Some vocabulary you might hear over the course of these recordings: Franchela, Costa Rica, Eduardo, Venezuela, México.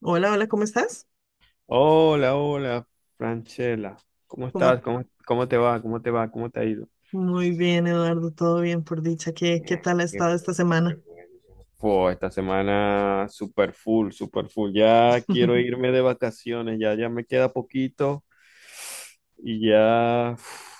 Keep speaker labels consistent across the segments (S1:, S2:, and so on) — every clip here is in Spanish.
S1: Hola, hola, ¿cómo estás?
S2: Hola, hola, Franchela. ¿Cómo
S1: ¿Cómo-
S2: estás? ¿Cómo te va? ¿Cómo te ha ido?
S1: Muy bien, Eduardo, todo bien por dicha. ¿Qué tal
S2: Ay,
S1: ha
S2: qué bien,
S1: estado esta
S2: qué
S1: semana?
S2: bien. Fue esta semana super full, super full. Ya quiero irme de vacaciones, ya, ya me queda poquito y ya, uf,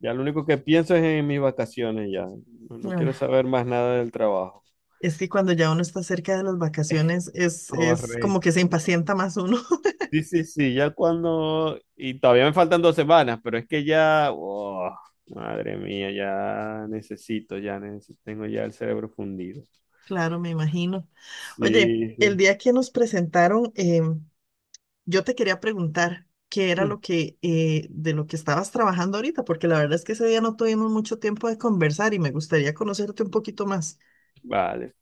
S2: ya lo único que pienso es en mis vacaciones ya. No, no quiero
S1: Ah,
S2: saber más nada del trabajo.
S1: es que cuando ya uno está cerca de las vacaciones es como que
S2: Correcto.
S1: se impacienta más uno.
S2: Sí, sí, sí, ya y todavía me faltan 2 semanas, pero es que oh, madre mía, ya necesito, tengo ya el cerebro fundido.
S1: Claro, me imagino. Oye,
S2: Sí,
S1: el
S2: sí.
S1: día que nos presentaron, yo te quería preguntar qué era
S2: Mm,
S1: lo que de lo que estabas trabajando ahorita, porque la verdad es que ese día no tuvimos mucho tiempo de conversar y me gustaría conocerte un poquito más.
S2: vale.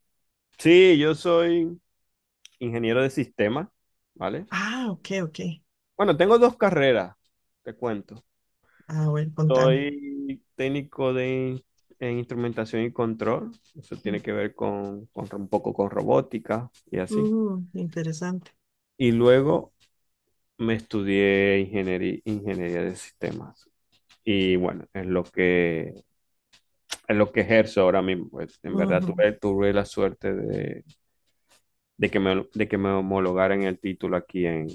S2: Sí, yo soy ingeniero de sistemas, ¿vale?
S1: Ah, ok, ok.
S2: Bueno, tengo dos carreras, te cuento.
S1: Ah, bueno, contame.
S2: Soy técnico de en instrumentación y control. Eso tiene que ver con, un poco con robótica y así.
S1: Mm, interesante.
S2: Y luego me estudié ingeniería, de sistemas. Y bueno, es lo que ejerzo ahora mismo, pues. En verdad
S1: Ujú.
S2: tuve la suerte de que me homologaran el título aquí en,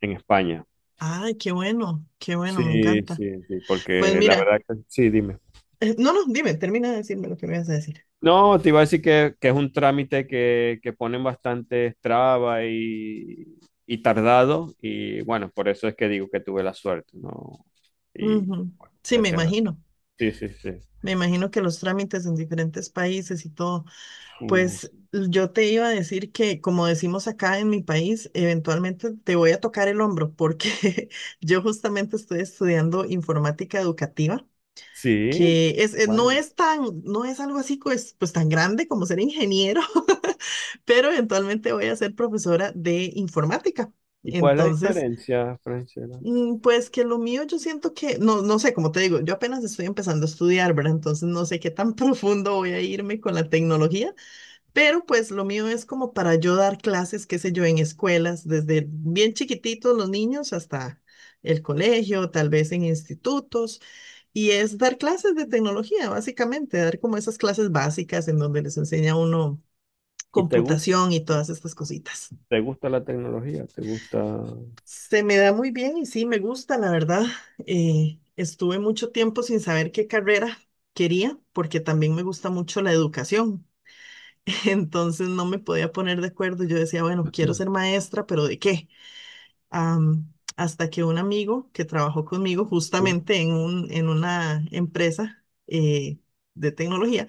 S2: en España.
S1: Ay, qué bueno, me
S2: Sí,
S1: encanta.
S2: sí, sí,
S1: Pues
S2: porque la
S1: mira,
S2: verdad que sí, dime.
S1: no, no, dime, termina de decirme lo que me vas a decir.
S2: No, te iba a decir que es un trámite que ponen bastante trabas y tardado. Y bueno, por eso es que digo que tuve la suerte, ¿no? Y
S1: Ujú.
S2: bueno,
S1: Sí,
S2: gracias. Sí, sí, sí.
S1: me imagino que los trámites en diferentes países y todo,
S2: Mm,
S1: pues yo te iba a decir que como decimos acá en mi país, eventualmente te voy a tocar el hombro porque yo justamente estoy estudiando informática educativa.
S2: sí,
S1: Que es, no
S2: bueno.
S1: es tan, no es algo así pues tan grande como ser ingeniero, pero eventualmente voy a ser profesora de informática.
S2: ¿Y cuál es la
S1: Entonces,
S2: diferencia, Francela?
S1: mm, pues que lo mío yo siento que, no, no sé, como te digo, yo apenas estoy empezando a estudiar, ¿verdad? Entonces no sé qué tan profundo voy a irme con la tecnología, pero pues lo mío es como para yo dar clases, qué sé yo, en escuelas, desde bien chiquititos los niños hasta el colegio, tal vez en institutos, y es dar clases de tecnología, básicamente, dar como esas clases básicas en donde les enseña a uno
S2: ¿Y te gusta,
S1: computación y todas estas cositas.
S2: te gusta la tecnología? ¿Te gusta?
S1: Se me da muy bien y sí, me gusta, la verdad. Estuve mucho tiempo sin saber qué carrera quería, porque también me gusta mucho la educación. Entonces no me podía poner de acuerdo. Yo decía, bueno, quiero ser maestra, pero ¿de qué? Hasta que un amigo que trabajó conmigo
S2: Sí.
S1: justamente en una empresa de tecnología,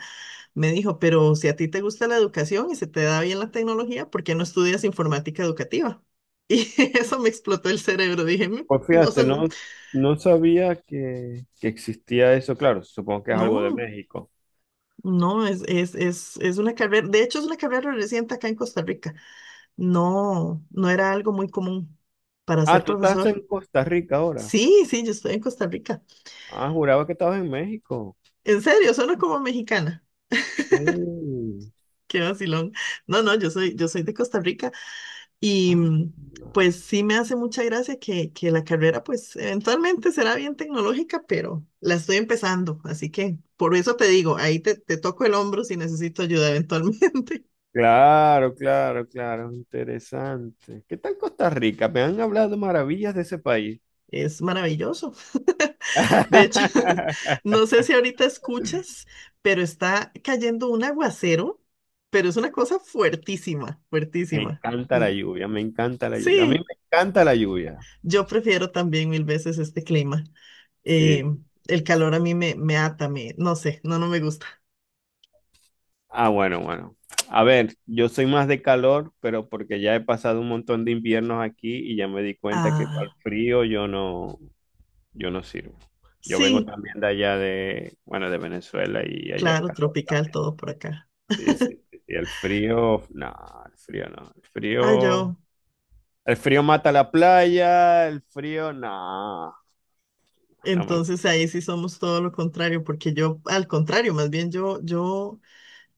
S1: me dijo, pero si a ti te gusta la educación y se te da bien la tecnología, ¿por qué no estudias informática educativa? Y eso me explotó el cerebro. Dije, "Mm,
S2: Pues
S1: no
S2: fíjate,
S1: sé, mm".
S2: no, no sabía que existía eso. Claro, supongo que es algo de
S1: No,
S2: México.
S1: no, es una carrera, de hecho es una carrera reciente acá en Costa Rica. No, no era algo muy común para
S2: Ah,
S1: ser
S2: tú estás
S1: profesor.
S2: en Costa Rica ahora.
S1: Sí, sí, yo estoy en Costa Rica.
S2: Ah, juraba que estabas en México.
S1: En serio, suena como mexicana.
S2: Sí.
S1: Qué vacilón. No, no, yo soy de Costa Rica. Y
S2: Ah,
S1: mm, pues sí me hace mucha gracia que la carrera pues eventualmente será bien tecnológica, pero la estoy empezando, así que por eso te digo, ahí te toco el hombro si necesito ayuda eventualmente.
S2: claro, claro, claro, interesante. ¿Qué tal Costa Rica? Me han hablado maravillas de ese país.
S1: Es maravilloso. De hecho, no sé si ahorita escuchas, pero está cayendo un aguacero, pero es una cosa fuertísima,
S2: Me
S1: fuertísima.
S2: encanta
S1: Mm,
S2: la lluvia, me encanta la lluvia. A mí
S1: sí,
S2: me encanta la lluvia.
S1: yo prefiero también mil veces este clima. Eh,
S2: Sí,
S1: el
S2: sí, sí.
S1: calor a mí me ata, me, no sé, no, no me gusta.
S2: Ah, bueno, bueno. A ver, yo soy más de calor, pero porque ya he pasado un montón de inviernos aquí y ya me di cuenta que para el
S1: Ah,
S2: frío yo no sirvo. Yo vengo
S1: sí,
S2: también de allá de, bueno, de Venezuela y allá es
S1: claro,
S2: calor
S1: tropical
S2: también.
S1: todo por acá.
S2: Sí, sí, sí, sí. El frío, no, el frío no. El
S1: Ah,
S2: frío,
S1: yo,
S2: el frío mata la playa, el frío, no, no me gusta.
S1: entonces ahí sí somos todo lo contrario, porque yo, al contrario, más bien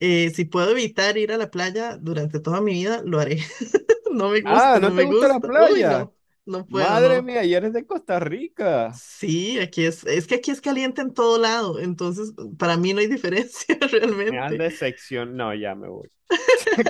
S1: si puedo evitar ir a la playa durante toda mi vida, lo haré. No me
S2: Ah,
S1: gusta, no
S2: ¿no te
S1: me
S2: gusta la
S1: gusta. Uy,
S2: playa?
S1: no, no puedo,
S2: Madre
S1: no.
S2: mía, y eres de Costa Rica.
S1: Sí, aquí es que aquí es caliente en todo lado, entonces para mí no hay diferencia
S2: Me has
S1: realmente.
S2: decepcionado. No, ya me voy.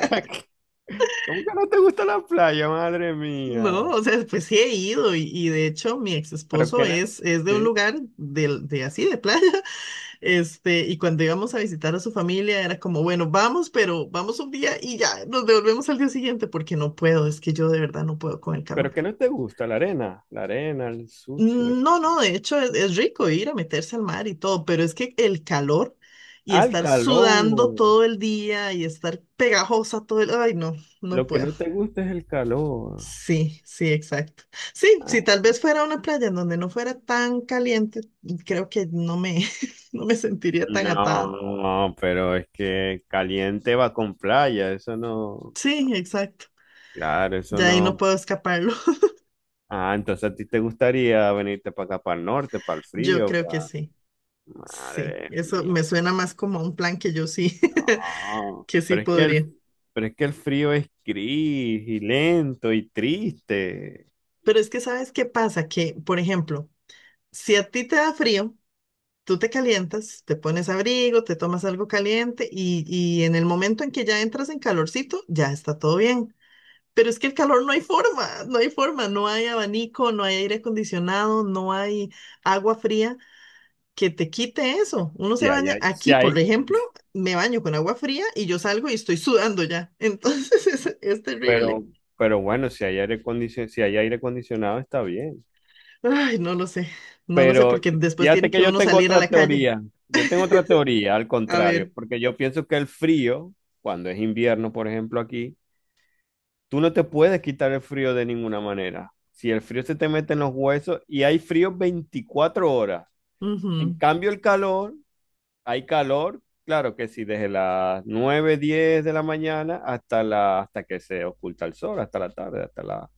S2: ¿Cómo que no te gusta la playa, madre mía?
S1: No, o sea, pues sí he ido y de hecho mi ex
S2: Pero
S1: esposo
S2: que no,
S1: es de un
S2: sí,
S1: lugar de así, de playa, este, y cuando íbamos a visitar a su familia era como, bueno, vamos, pero vamos un día y ya nos devolvemos al día siguiente porque no puedo, es que yo de verdad no puedo con el
S2: pero
S1: calor.
S2: que no te gusta la arena, el sucio.
S1: No, no, de hecho es rico ir a meterse al mar y todo, pero es que el calor y
S2: Ah, el
S1: estar sudando
S2: calor.
S1: todo el día y estar pegajosa todo el, ay, no, no
S2: Lo que
S1: puedo.
S2: no te gusta es el calor.
S1: Sí, sí, exacto. Sí,
S2: Ah,
S1: si tal vez fuera una playa en donde no fuera tan caliente, creo que no me, no me sentiría tan atada.
S2: no, pero es que caliente va con playa, eso no.
S1: Sí, exacto.
S2: Claro, eso
S1: Ya ahí no
S2: no.
S1: puedo escaparlo.
S2: Ah, entonces a ti te gustaría venirte para acá, para el norte, para el
S1: Yo
S2: frío,
S1: creo que
S2: para...
S1: sí. Sí,
S2: Madre
S1: eso
S2: mía.
S1: me suena más como a un plan que yo sí,
S2: No,
S1: que sí
S2: pero es que el,
S1: podría.
S2: pero es que el frío es gris y lento y triste.
S1: Pero es que ¿sabes qué pasa? Que, por ejemplo, si a ti te da frío, tú te calientas, te pones abrigo, te tomas algo caliente y en el momento en que ya entras en calorcito, ya está todo bien. Pero es que el calor no hay forma, no hay forma, no hay abanico, no hay aire acondicionado, no hay agua fría que te quite eso. Uno
S2: Si
S1: se
S2: hay,
S1: baña
S2: ai- si
S1: aquí, por
S2: hay,
S1: ejemplo, me baño con agua fría y yo salgo y estoy sudando ya. Entonces es terrible.
S2: pero, pero bueno, si hay aire acondicionado, si hay aire acondicionado está bien.
S1: Ay, no lo sé, no lo sé
S2: Pero
S1: porque después tiene
S2: fíjate que
S1: que
S2: yo
S1: uno
S2: tengo
S1: salir a
S2: otra
S1: la calle.
S2: teoría. Yo tengo otra teoría, al
S1: A
S2: contrario,
S1: ver.
S2: porque yo pienso que el frío, cuando es invierno, por ejemplo, aquí, tú no te puedes quitar el frío de ninguna manera. Si el frío se te mete en los huesos y hay frío 24 horas. En
S1: Ujú,
S2: cambio, el calor Hay calor, claro que sí, desde las 9, 10 de la mañana hasta hasta que se oculta el sol, hasta la tarde, hasta las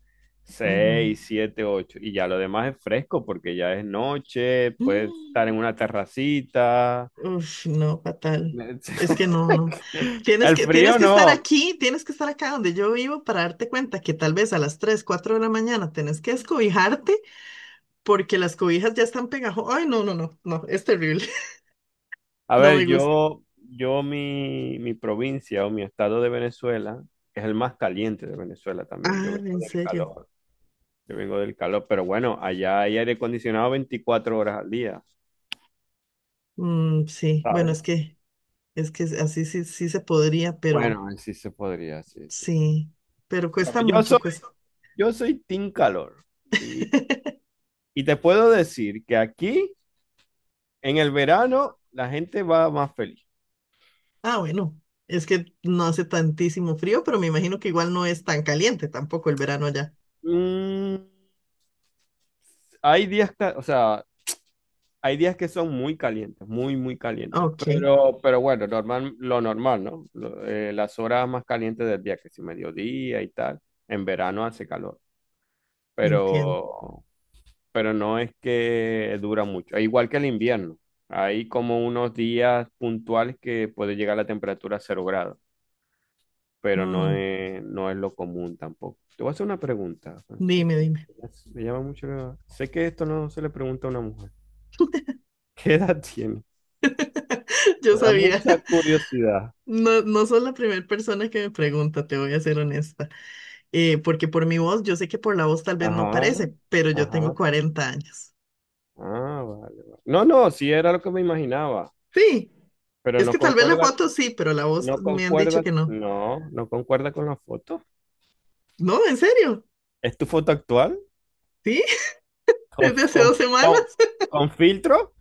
S1: ujú.
S2: 6, 7, 8, y ya lo demás es fresco porque ya es noche, puedes estar en una terracita.
S1: Uf, no, fatal. Es que no, no. Tienes
S2: El
S1: que, tienes
S2: frío
S1: que estar
S2: no.
S1: aquí, tienes que estar acá donde yo vivo para darte cuenta que tal vez a las 3, 4 de la mañana tenés que escobijarte porque las cobijas ya están pegajosas. Ay, no, no, no, no, es terrible.
S2: A
S1: No
S2: ver,
S1: me gusta.
S2: yo mi provincia o mi estado de Venezuela es el más caliente de Venezuela también. Yo
S1: Ah,
S2: vengo
S1: en
S2: del
S1: serio.
S2: calor. Yo vengo del calor, pero bueno, allá hay aire acondicionado 24 horas al día,
S1: Mm, sí, bueno, es
S2: ¿sabes?
S1: que, es que así sí, sí se podría, pero
S2: Bueno, sí se podría, sí, sí, sí.
S1: sí, pero
S2: Bueno,
S1: cuesta
S2: yo
S1: mucho,
S2: soy,
S1: cuesta.
S2: yo soy team calor y, y te puedo decir que aquí en el verano la gente va más feliz.
S1: Ah, bueno, es que no hace tantísimo frío, pero me imagino que igual no es tan caliente tampoco el verano allá.
S2: Mm, hay días, o sea, hay días que son muy calientes, muy, muy calientes,
S1: Ok.
S2: pero bueno, normal, lo normal, ¿no? Las horas más calientes del día, que si mediodía y tal, en verano hace calor,
S1: Entiendo.
S2: pero... pero no es que dura mucho. E igual que el invierno, hay como unos días puntuales que puede llegar la temperatura a 0 grados, pero no
S1: Mm,
S2: es, no es lo común tampoco. Te voy a hacer una pregunta, Francela.
S1: dime, dime.
S2: Me llama mucho la- Sé que esto no se le pregunta a una mujer. ¿Qué edad tiene?
S1: Yo
S2: Me da
S1: sabía.
S2: mucha curiosidad.
S1: No, no sos la primera persona que me pregunta, te voy a ser honesta. Porque por mi voz, yo sé que por la voz tal vez no
S2: Ajá,
S1: parece, pero yo tengo
S2: ajá.
S1: 40 años.
S2: Ah, vale, vale. No, no, sí era lo que me imaginaba,
S1: Sí,
S2: pero
S1: es que
S2: no
S1: tal vez la
S2: concuerda,
S1: foto sí, pero la voz
S2: no
S1: me han dicho
S2: concuerda,
S1: que no.
S2: no, no concuerda con la foto.
S1: No, en serio.
S2: ¿Es tu foto actual?
S1: Sí,
S2: con,
S1: desde hace
S2: con,
S1: 2 semanas.
S2: con- con filtro.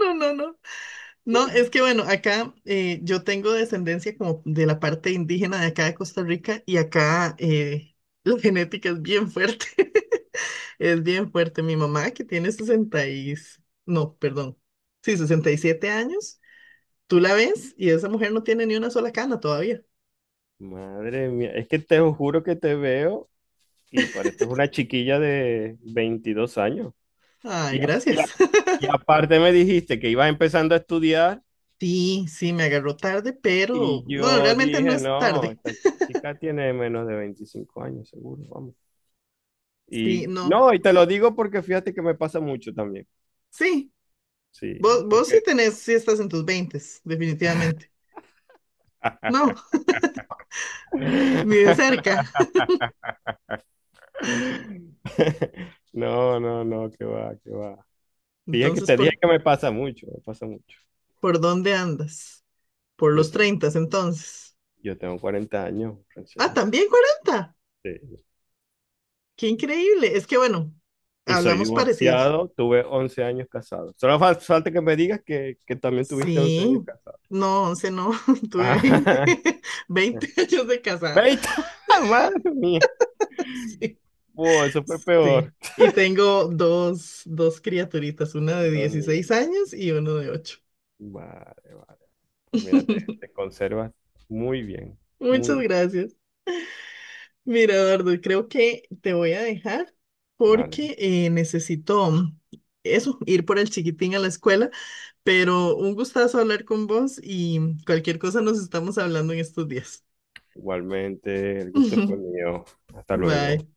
S1: No, no, no, no, no. No, es que bueno, acá yo tengo descendencia como de la parte indígena de acá de Costa Rica y acá la genética es bien fuerte. Es bien fuerte. Mi mamá, que tiene 60 y... No, perdón. Sí, 67 años. Tú la ves y esa mujer no tiene ni una sola cana todavía.
S2: Madre mía, es que te juro que te veo y pareces una chiquilla de 22 años.
S1: Ay,
S2: Y, a- y a-
S1: gracias.
S2: y aparte me dijiste que ibas empezando a estudiar
S1: Sí, sí, me agarró tarde, pero
S2: y
S1: bueno,
S2: yo
S1: realmente no
S2: dije,
S1: es
S2: no,
S1: tarde.
S2: esta chica tiene menos de 25 años, seguro, vamos.
S1: Sí,
S2: Y
S1: no.
S2: no, y te lo digo porque fíjate que me pasa mucho también.
S1: Sí,
S2: Sí,
S1: vos sí
S2: porque.
S1: tenés, sí estás en tus veintes definitivamente. No, ni de cerca.
S2: No, no, no, que va, que va. Dije que
S1: Entonces,
S2: te dije
S1: ¿por,
S2: que me pasa mucho, me pasa mucho.
S1: por dónde andas? Por
S2: Yo
S1: los
S2: tengo,
S1: treintas entonces.
S2: yo tengo 40 años,
S1: Ah,
S2: Francela.
S1: también 40.
S2: Sí.
S1: Qué increíble. Es que bueno,
S2: Y soy
S1: hablamos parecidos.
S2: divorciado, tuve 11 años casado. Solo falta que me digas que, también tuviste 11 años
S1: Sí,
S2: casado.
S1: no, 11 no,
S2: Ah,
S1: tuve 20 20 años de casada.
S2: ¡Veita! ¡Madre mía!
S1: Sí,
S2: Wow, eso fue
S1: sí.
S2: peor.
S1: Y tengo dos criaturitas, una de
S2: Dos
S1: 16
S2: niños.
S1: años y uno de 8.
S2: Vale, vale. Pues mira, te, te conservas muy bien, muy
S1: Muchas
S2: bien.
S1: gracias. Mira, Eduardo, creo que te voy a dejar
S2: Vale.
S1: porque necesito mm, eso, ir por el chiquitín a la escuela, pero un gustazo hablar con vos y cualquier cosa nos estamos hablando en estos días.
S2: Igualmente, el gusto fue mío. Hasta luego.
S1: Bye.